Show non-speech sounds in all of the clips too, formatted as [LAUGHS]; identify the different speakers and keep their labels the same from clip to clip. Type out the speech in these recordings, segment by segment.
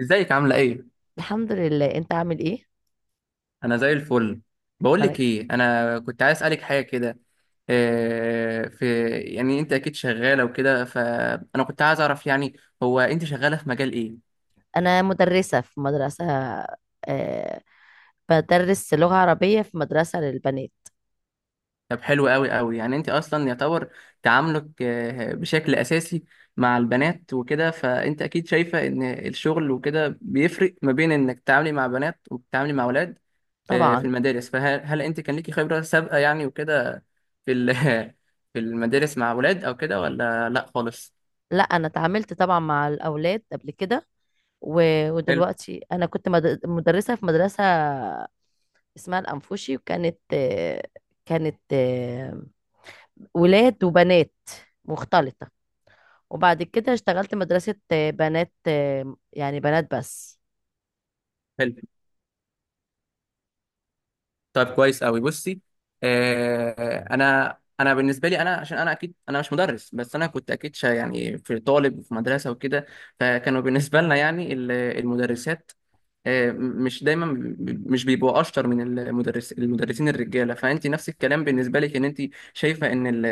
Speaker 1: ازيك عاملة ايه؟
Speaker 2: الحمد لله، انت عامل ايه؟
Speaker 1: انا زي الفل. بقول لك
Speaker 2: ملك.
Speaker 1: ايه، انا كنت عايز اسالك حاجة كده. إيه في، يعني انت اكيد شغالة وكده، فانا كنت عايز اعرف، يعني هو انت شغالة في مجال ايه؟
Speaker 2: انا مدرسة في مدرسة. آه بدرس لغة عربية في مدرسة للبنات.
Speaker 1: طب حلو قوي قوي، يعني انت اصلا يعتبر تعاملك بشكل اساسي مع البنات وكده، فانت اكيد شايفة ان الشغل وكده بيفرق ما بين انك تتعاملي مع بنات وبتتعاملي مع اولاد في
Speaker 2: طبعا.
Speaker 1: المدارس. فهل انت كان ليكي خبرة سابقة يعني وكده في [LAUGHS] في المدارس مع ولاد او كده، ولا لا خالص؟
Speaker 2: لا، انا اتعاملت طبعا مع الاولاد قبل كده،
Speaker 1: حلو.
Speaker 2: ودلوقتي انا كنت مدرسة في مدرسة اسمها الانفوشي، وكانت آه كانت آه ولاد وبنات، مختلطة. وبعد كده اشتغلت مدرسة، بنات، يعني بنات بس.
Speaker 1: حلو. طيب كويس قوي، بصي. انا انا بالنسبه لي، انا عشان انا اكيد انا مش مدرس، بس انا كنت اكيد شا يعني في طالب في مدرسه وكده، فكانوا بالنسبه لنا يعني المدرسات مش دايما مش بيبقوا اشطر من المدرسين الرجاله. فانت نفس الكلام بالنسبه لك، ان انت شايفه ان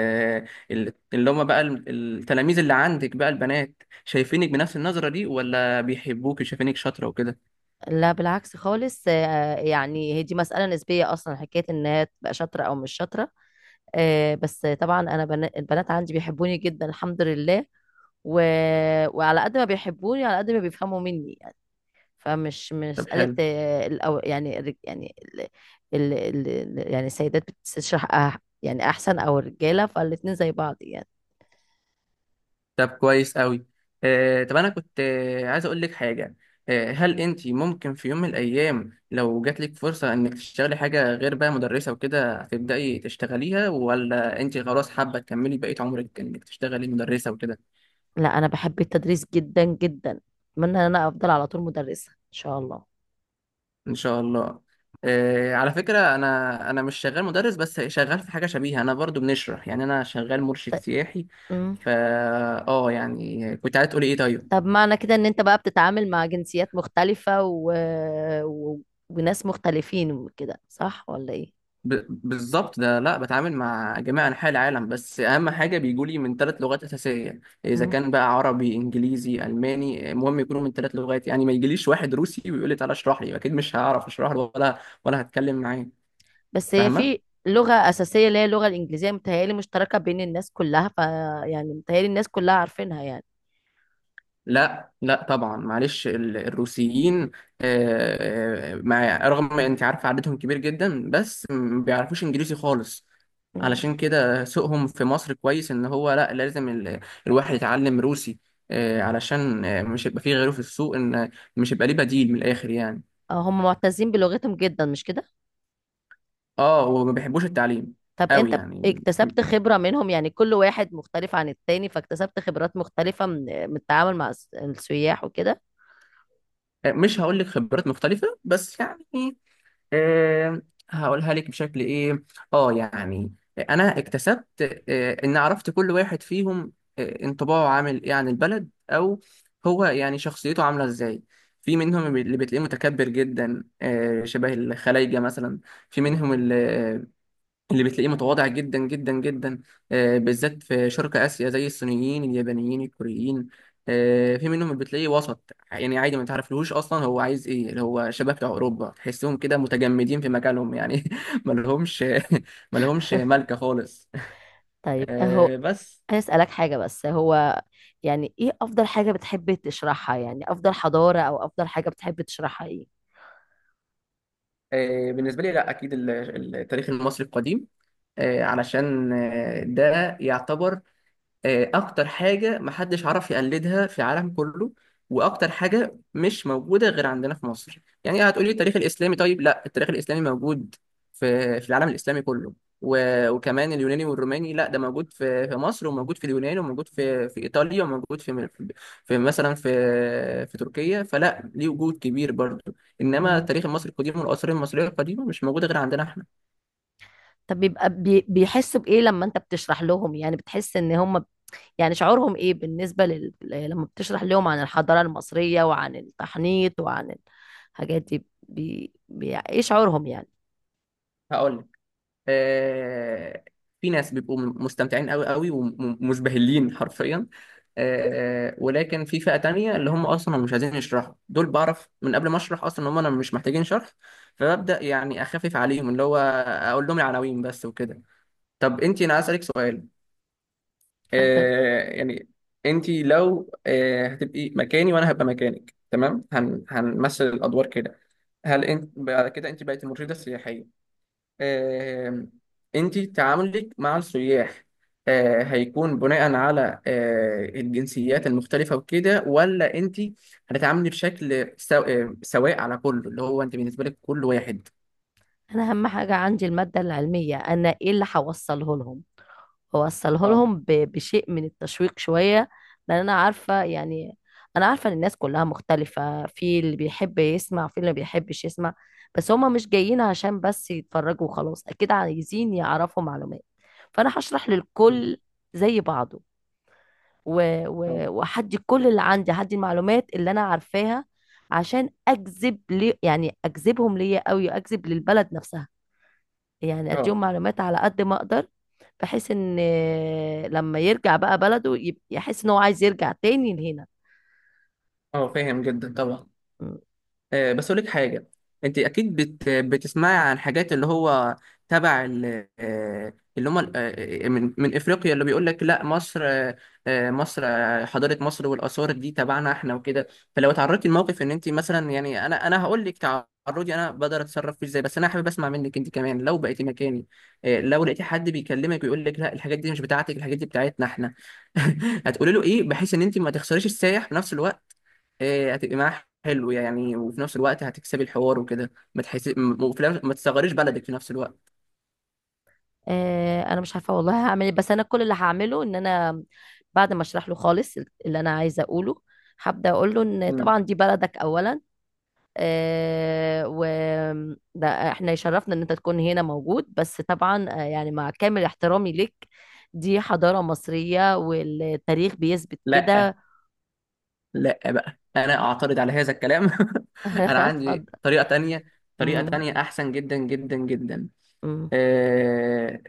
Speaker 1: اللي هم بقى التلاميذ اللي عندك بقى البنات، شايفينك بنفس النظره دي، ولا بيحبوك وشايفينك شاطره وكده؟
Speaker 2: لا بالعكس خالص، يعني هي دي مسألة نسبية أصلا، حكاية إن هي تبقى شاطرة أو مش شاطرة. بس طبعا أنا البنات عندي بيحبوني جدا الحمد لله. و... وعلى قد ما بيحبوني على قد ما بيفهموا مني يعني. فمش مش
Speaker 1: طب
Speaker 2: مسألة،
Speaker 1: حلو.
Speaker 2: آه، الأو... يعني الرج- يعني ال... ال... ال... ال- يعني السيدات بتشرح، يعني أحسن أو الرجالة، فالاتنين زي بعض يعني.
Speaker 1: طب كويس قوي. طب انا كنت عايز اقول لك حاجه. هل انت ممكن في يوم من الايام، لو جات لك فرصه انك تشتغلي حاجه غير بقى مدرسه وكده، هتبداي تشتغليها، ولا انت خلاص حابه تكملي بقيه عمرك انك تشتغلي مدرسه وكده؟
Speaker 2: لا أنا بحب التدريس جدا جدا، أتمنى إن أنا أفضل على طول مدرسة إن شاء الله.
Speaker 1: ان شاء الله. على فكره انا انا مش شغال مدرس، بس شغال في حاجه شبيهه، انا برضو بنشرح يعني، انا شغال مرشد سياحي.
Speaker 2: طيب.
Speaker 1: فا اه يعني كنت عايز تقولي ايه طيب؟
Speaker 2: طب معنى كده ان انت بقى بتتعامل مع جنسيات مختلفة و... وناس مختلفين وكده، صح ولا ايه؟
Speaker 1: بالظبط، ده لا بتعامل مع جميع انحاء العالم، بس اهم حاجه بيجولي من ثلاث لغات اساسيه، اذا
Speaker 2: مم.
Speaker 1: كان بقى عربي انجليزي الماني، المهم يكونوا من ثلاث لغات، يعني ما يجيليش واحد روسي ويقول لي تعالى اشرح لي، اكيد مش هعرف اشرح له، ولا ولا هتكلم معاه.
Speaker 2: بس هي في
Speaker 1: فاهمه.
Speaker 2: لغة أساسية اللي هي اللغة الإنجليزية، متهيألي مشتركة بين الناس كلها، يعني متهيألي الناس كلها عارفينها يعني.
Speaker 1: لا لا طبعا، معلش الروسيين، مع رغم ما انت عارف عددهم كبير جدا، بس ما بيعرفوش انجليزي خالص.
Speaker 2: مم.
Speaker 1: علشان كده سوقهم في مصر كويس، ان هو لا لازم الواحد يتعلم روسي، علشان مش هيبقى فيه غيره في السوق، ان مش هيبقى ليه بديل من الاخر يعني.
Speaker 2: هم معتزين بلغتهم جدا، مش كده؟
Speaker 1: اه، وما بيحبوش التعليم.
Speaker 2: طب
Speaker 1: قوي
Speaker 2: انت
Speaker 1: يعني
Speaker 2: اكتسبت خبرة منهم، يعني كل واحد مختلف عن التاني، فاكتسبت خبرات مختلفة من التعامل مع السياح وكده.
Speaker 1: مش هقول لك خبرات مختلفة بس يعني، آه، هقولها لك بشكل ايه. اه يعني انا اكتسبت ان عرفت كل واحد فيهم انطباعه عامل ايه عن البلد، او هو يعني شخصيته عامله ازاي. في منهم اللي بتلاقيه متكبر جدا، شبه الخلايجه مثلا. في
Speaker 2: مم.
Speaker 1: منهم اللي بتلاقيه متواضع جدا جدا جدا، بالذات في شرق آسيا زي الصينيين اليابانيين الكوريين. في منهم اللي بتلاقيه وسط يعني عادي، ما تعرفلهوش أصلا هو عايز إيه، اللي هو شباب بتوع أوروبا تحسهم كده متجمدين في مجالهم يعني [LAUGHS] ما لهمش ما لهمش [LAUGHS]
Speaker 2: [LAUGHS]
Speaker 1: ملكة خالص.
Speaker 2: طيب اهو.
Speaker 1: بس
Speaker 2: انا اسالك حاجه بس، هو يعني ايه افضل حاجه بتحب تشرحها، يعني افضل حضاره او افضل حاجه بتحب تشرحها، ايه؟
Speaker 1: بالنسبة لي لا أكيد التاريخ المصري القديم، علشان ده يعتبر اكتر حاجه محدش عرف يقلدها في العالم كله، واكتر حاجه مش موجوده غير عندنا في مصر. يعني هتقولي التاريخ الاسلامي، طيب لا، التاريخ الاسلامي موجود في العالم الاسلامي كله، وكمان اليوناني والروماني، لا ده موجود في مصر، وموجود في اليونان، وموجود في ايطاليا، وموجود في في مثلا في تركيا، فلا ليه وجود كبير برضه. انما
Speaker 2: مم.
Speaker 1: التاريخ المصري القديم والاثار المصريه القديمه مش موجوده غير عندنا احنا.
Speaker 2: طب بيبقى بيحسوا بايه لما انت بتشرح لهم، يعني بتحس ان هم، يعني شعورهم ايه بالنسبه لما بتشرح لهم عن الحضاره المصريه وعن التحنيط وعن الحاجات دي، ايه شعورهم يعني؟
Speaker 1: هقول لك، آه، في ناس بيبقوا مستمتعين قوي قوي ومزبهلين حرفيا، ولكن في فئة تانية اللي هم اصلا مش عايزين يشرحوا، دول بعرف من قبل ما اشرح اصلا ان هم انا مش محتاجين شرح. فببدأ يعني اخفف عليهم اللي هو اقول لهم العناوين بس وكده. طب انت، انا عايز اسالك سؤال.
Speaker 2: اتفضل.
Speaker 1: يعني انت لو هتبقي مكاني وانا هبقى مكانك، تمام، هنمثل الادوار كده، هل انت بعد كده انت بقيت المرشده السياحيه، انت تعاملك مع السياح هيكون بناء على الجنسيات المختلفة وكده، ولا انت هتتعاملي بشكل سواء على كله، اللي هو انت بالنسبة لك كل واحد.
Speaker 2: انا اهم حاجه عندي الماده العلميه، انا ايه اللي هوصله لهم، واوصله
Speaker 1: اه.
Speaker 2: لهم بشيء من التشويق شوية، لان انا عارفة يعني، انا عارفة ان الناس كلها مختلفة، في اللي بيحب يسمع في اللي ما بيحبش يسمع، بس هما مش جايين عشان بس يتفرجوا وخلاص، اكيد عايزين يعرفوا معلومات. فانا هشرح
Speaker 1: مم.
Speaker 2: للكل زي بعضه،
Speaker 1: اه.
Speaker 2: وهدي كل اللي عندي، هدي المعلومات اللي انا عارفاها، عشان اجذب لي يعني اجذبهم ليا قوي، اجذب للبلد نفسها، يعني اديهم
Speaker 1: اه.
Speaker 2: معلومات على قد ما اقدر، بحيث ان لما يرجع بقى بلده يحس ان هو عايز يرجع تاني لهنا.
Speaker 1: اه فاهم جدا طبعا.
Speaker 2: م.
Speaker 1: بس اقول لك حاجه، انت اكيد بتسمعي عن حاجات اللي هو تبع ال... آه، اللي هم ال- آه، من من افريقيا، اللي بيقول لك لا مصر، مصر حضاره مصر والاثار دي تبعنا احنا وكده. فلو تعرضتي لموقف ان انت مثلا، يعني انا انا هقول لك تعرضي، انا بقدر اتصرف فيه ازاي، بس انا حابب اسمع منك انت كمان لو بقيتي مكاني. لو لقيتي حد بيكلمك ويقول لك لا الحاجات دي مش بتاعتك، الحاجات دي بتاعتنا احنا، [LAUGHS] هتقولي له ايه، بحيث ان انت ما تخسريش السايح في نفس الوقت؟ هتبقي معاه حلو يعني، وفي نفس الوقت هتكسبي الحوار وكده، ما تحس ما تصغريش بلدك في نفس الوقت.
Speaker 2: انا مش عارفه والله هعمل ايه، بس انا كل اللي هعمله ان انا بعد ما اشرح له خالص اللي انا عايزه اقوله، هبدا اقول له ان
Speaker 1: مم.
Speaker 2: طبعا دي بلدك اولا، آه، و ده احنا يشرفنا ان انت تكون هنا موجود، بس طبعا، يعني مع كامل احترامي ليك، دي حضارة مصرية والتاريخ بيثبت
Speaker 1: لا.
Speaker 2: كده.
Speaker 1: لا بقى انا اعترض على هذا الكلام [LAUGHS]
Speaker 2: [LAUGHS]
Speaker 1: انا
Speaker 2: اتفضل.
Speaker 1: عندي طريقة تانية، طريقة
Speaker 2: امم.
Speaker 1: تانية احسن جدا جدا جدا.
Speaker 2: امم.
Speaker 1: آه،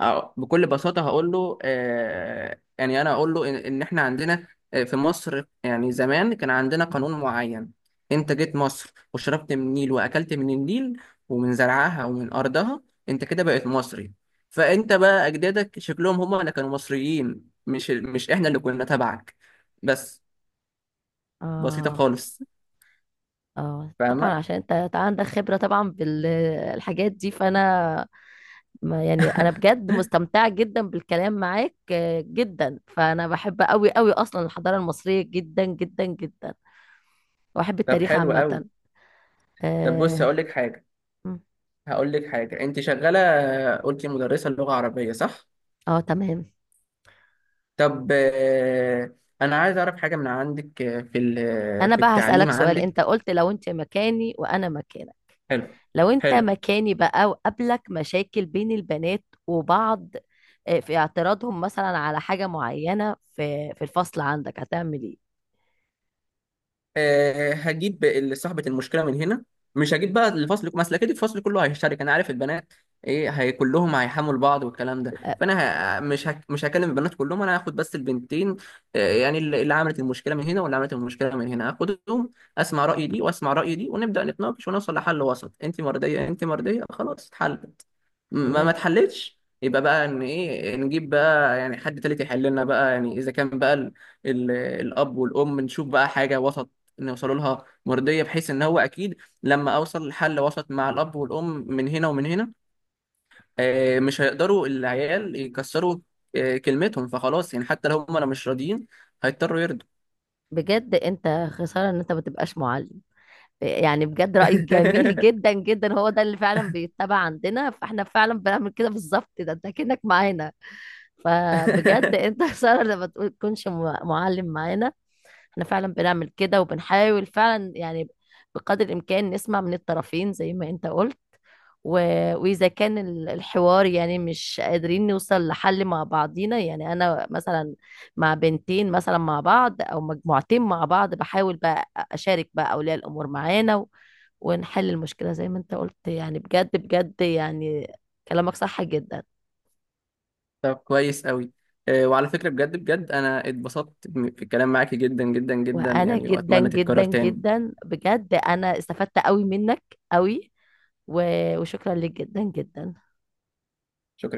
Speaker 1: بكل بساطة هقول له، يعني أنا أقول له إن إحنا عندنا في مصر، يعني زمان كان عندنا قانون معين، أنت جيت مصر وشربت من النيل وأكلت من النيل ومن زرعها ومن أرضها، أنت كده بقيت مصري. فأنت بقى أجدادك شكلهم هما اللي كانوا مصريين، مش إحنا اللي كنا تبعك، بس. بسيطة
Speaker 2: اه،
Speaker 1: خالص.
Speaker 2: اه، طبعا
Speaker 1: فاهمة؟
Speaker 2: عشان انت عندك خبرة طبعا بالحاجات دي فانا، ما يعني انا بجد مستمتعة جدا بالكلام معاك، جدا، فانا بحب قوي قوي اصلا الحضارة المصرية جدا جدا جدا، واحب
Speaker 1: طب
Speaker 2: التاريخ
Speaker 1: حلو قوي.
Speaker 2: عامة.
Speaker 1: طب بص
Speaker 2: آه.
Speaker 1: هقول لك حاجة، أنت شغالة قلتي مدرسة لغة عربية صح؟
Speaker 2: اه تمام.
Speaker 1: طب انا عايز اعرف حاجه من عندك آه، في ال- آه،
Speaker 2: انا
Speaker 1: في
Speaker 2: بقى
Speaker 1: التعليم
Speaker 2: هسألك سؤال، انت
Speaker 1: عندك.
Speaker 2: قلت لو انت مكاني وانا مكانك.
Speaker 1: حلو.
Speaker 2: لو انت
Speaker 1: حلو.
Speaker 2: مكاني بقى وقابلك مشاكل بين البنات وبعض، في اعتراضهم مثلا على حاجة معينة في الفصل عندك، هتعمل ايه؟
Speaker 1: أه هجيب صاحبه المشكله من هنا، مش هجيب بقى الفصل، ما أصل اكيد الفصل كله هيشترك، انا عارف البنات ايه، هي كلهم هيحملوا بعض والكلام ده.
Speaker 2: آه،
Speaker 1: فانا مش هكلم البنات كلهم، انا هاخد بس البنتين، يعني اللي عملت المشكله من هنا واللي عملت المشكله من هنا، هاخدهم اسمع راي دي واسمع راي دي، ونبدا نتناقش ونوصل لحل وسط. انت مرضيه، انت مرضيه، خلاص اتحل. ما
Speaker 2: الوجه.
Speaker 1: اتحلتش، يبقى بقى ان ايه، نجيب بقى يعني حد تالت يحل لنا بقى، يعني اذا كان بقى ال الاب والام، نشوف بقى حاجه وسط نوصلوا لها مرضيه، بحيث ان هو اكيد لما اوصل لحل وسط مع الاب والام من هنا ومن هنا، مش هيقدروا العيال يكسروا كلمتهم، فخلاص يعني حتى لو هم انا مش راضيين هيضطروا يرضوا.
Speaker 2: بجد انت خسارة ان انت ما تبقاش معلم، يعني بجد رأيك جميل جدا جدا، هو ده اللي فعلا بيتبع عندنا، فاحنا فعلا بنعمل كده بالظبط، ده انت كأنك معانا. فبجد انت [LAUGHS] خسارة لما تكونش معلم معانا. احنا فعلا بنعمل كده وبنحاول فعلا يعني، بقدر الامكان نسمع من الطرفين زي ما انت قلت، و... واذا كان الحوار يعني مش قادرين نوصل لحل مع بعضينا، يعني انا مثلا مع بنتين مثلا مع بعض او مجموعتين مع بعض، بحاول بقى اشارك بقى اولياء الامور معانا، ونحل المشكلة زي ما انت قلت، يعني بجد بجد يعني، كلامك صح جدا.
Speaker 1: [LAUGHS] طب كويس قوي. وعلى فكره بجد بجد انا اتبسطت في الكلام معاكي جدا جدا جدا
Speaker 2: وانا
Speaker 1: يعني،
Speaker 2: جدا
Speaker 1: واتمنى تتكرر
Speaker 2: جدا
Speaker 1: تاني.
Speaker 2: جدا بجد انا استفدت قوي منك، قوي، و... وشكرا لك جدا جدا.
Speaker 1: شكرا.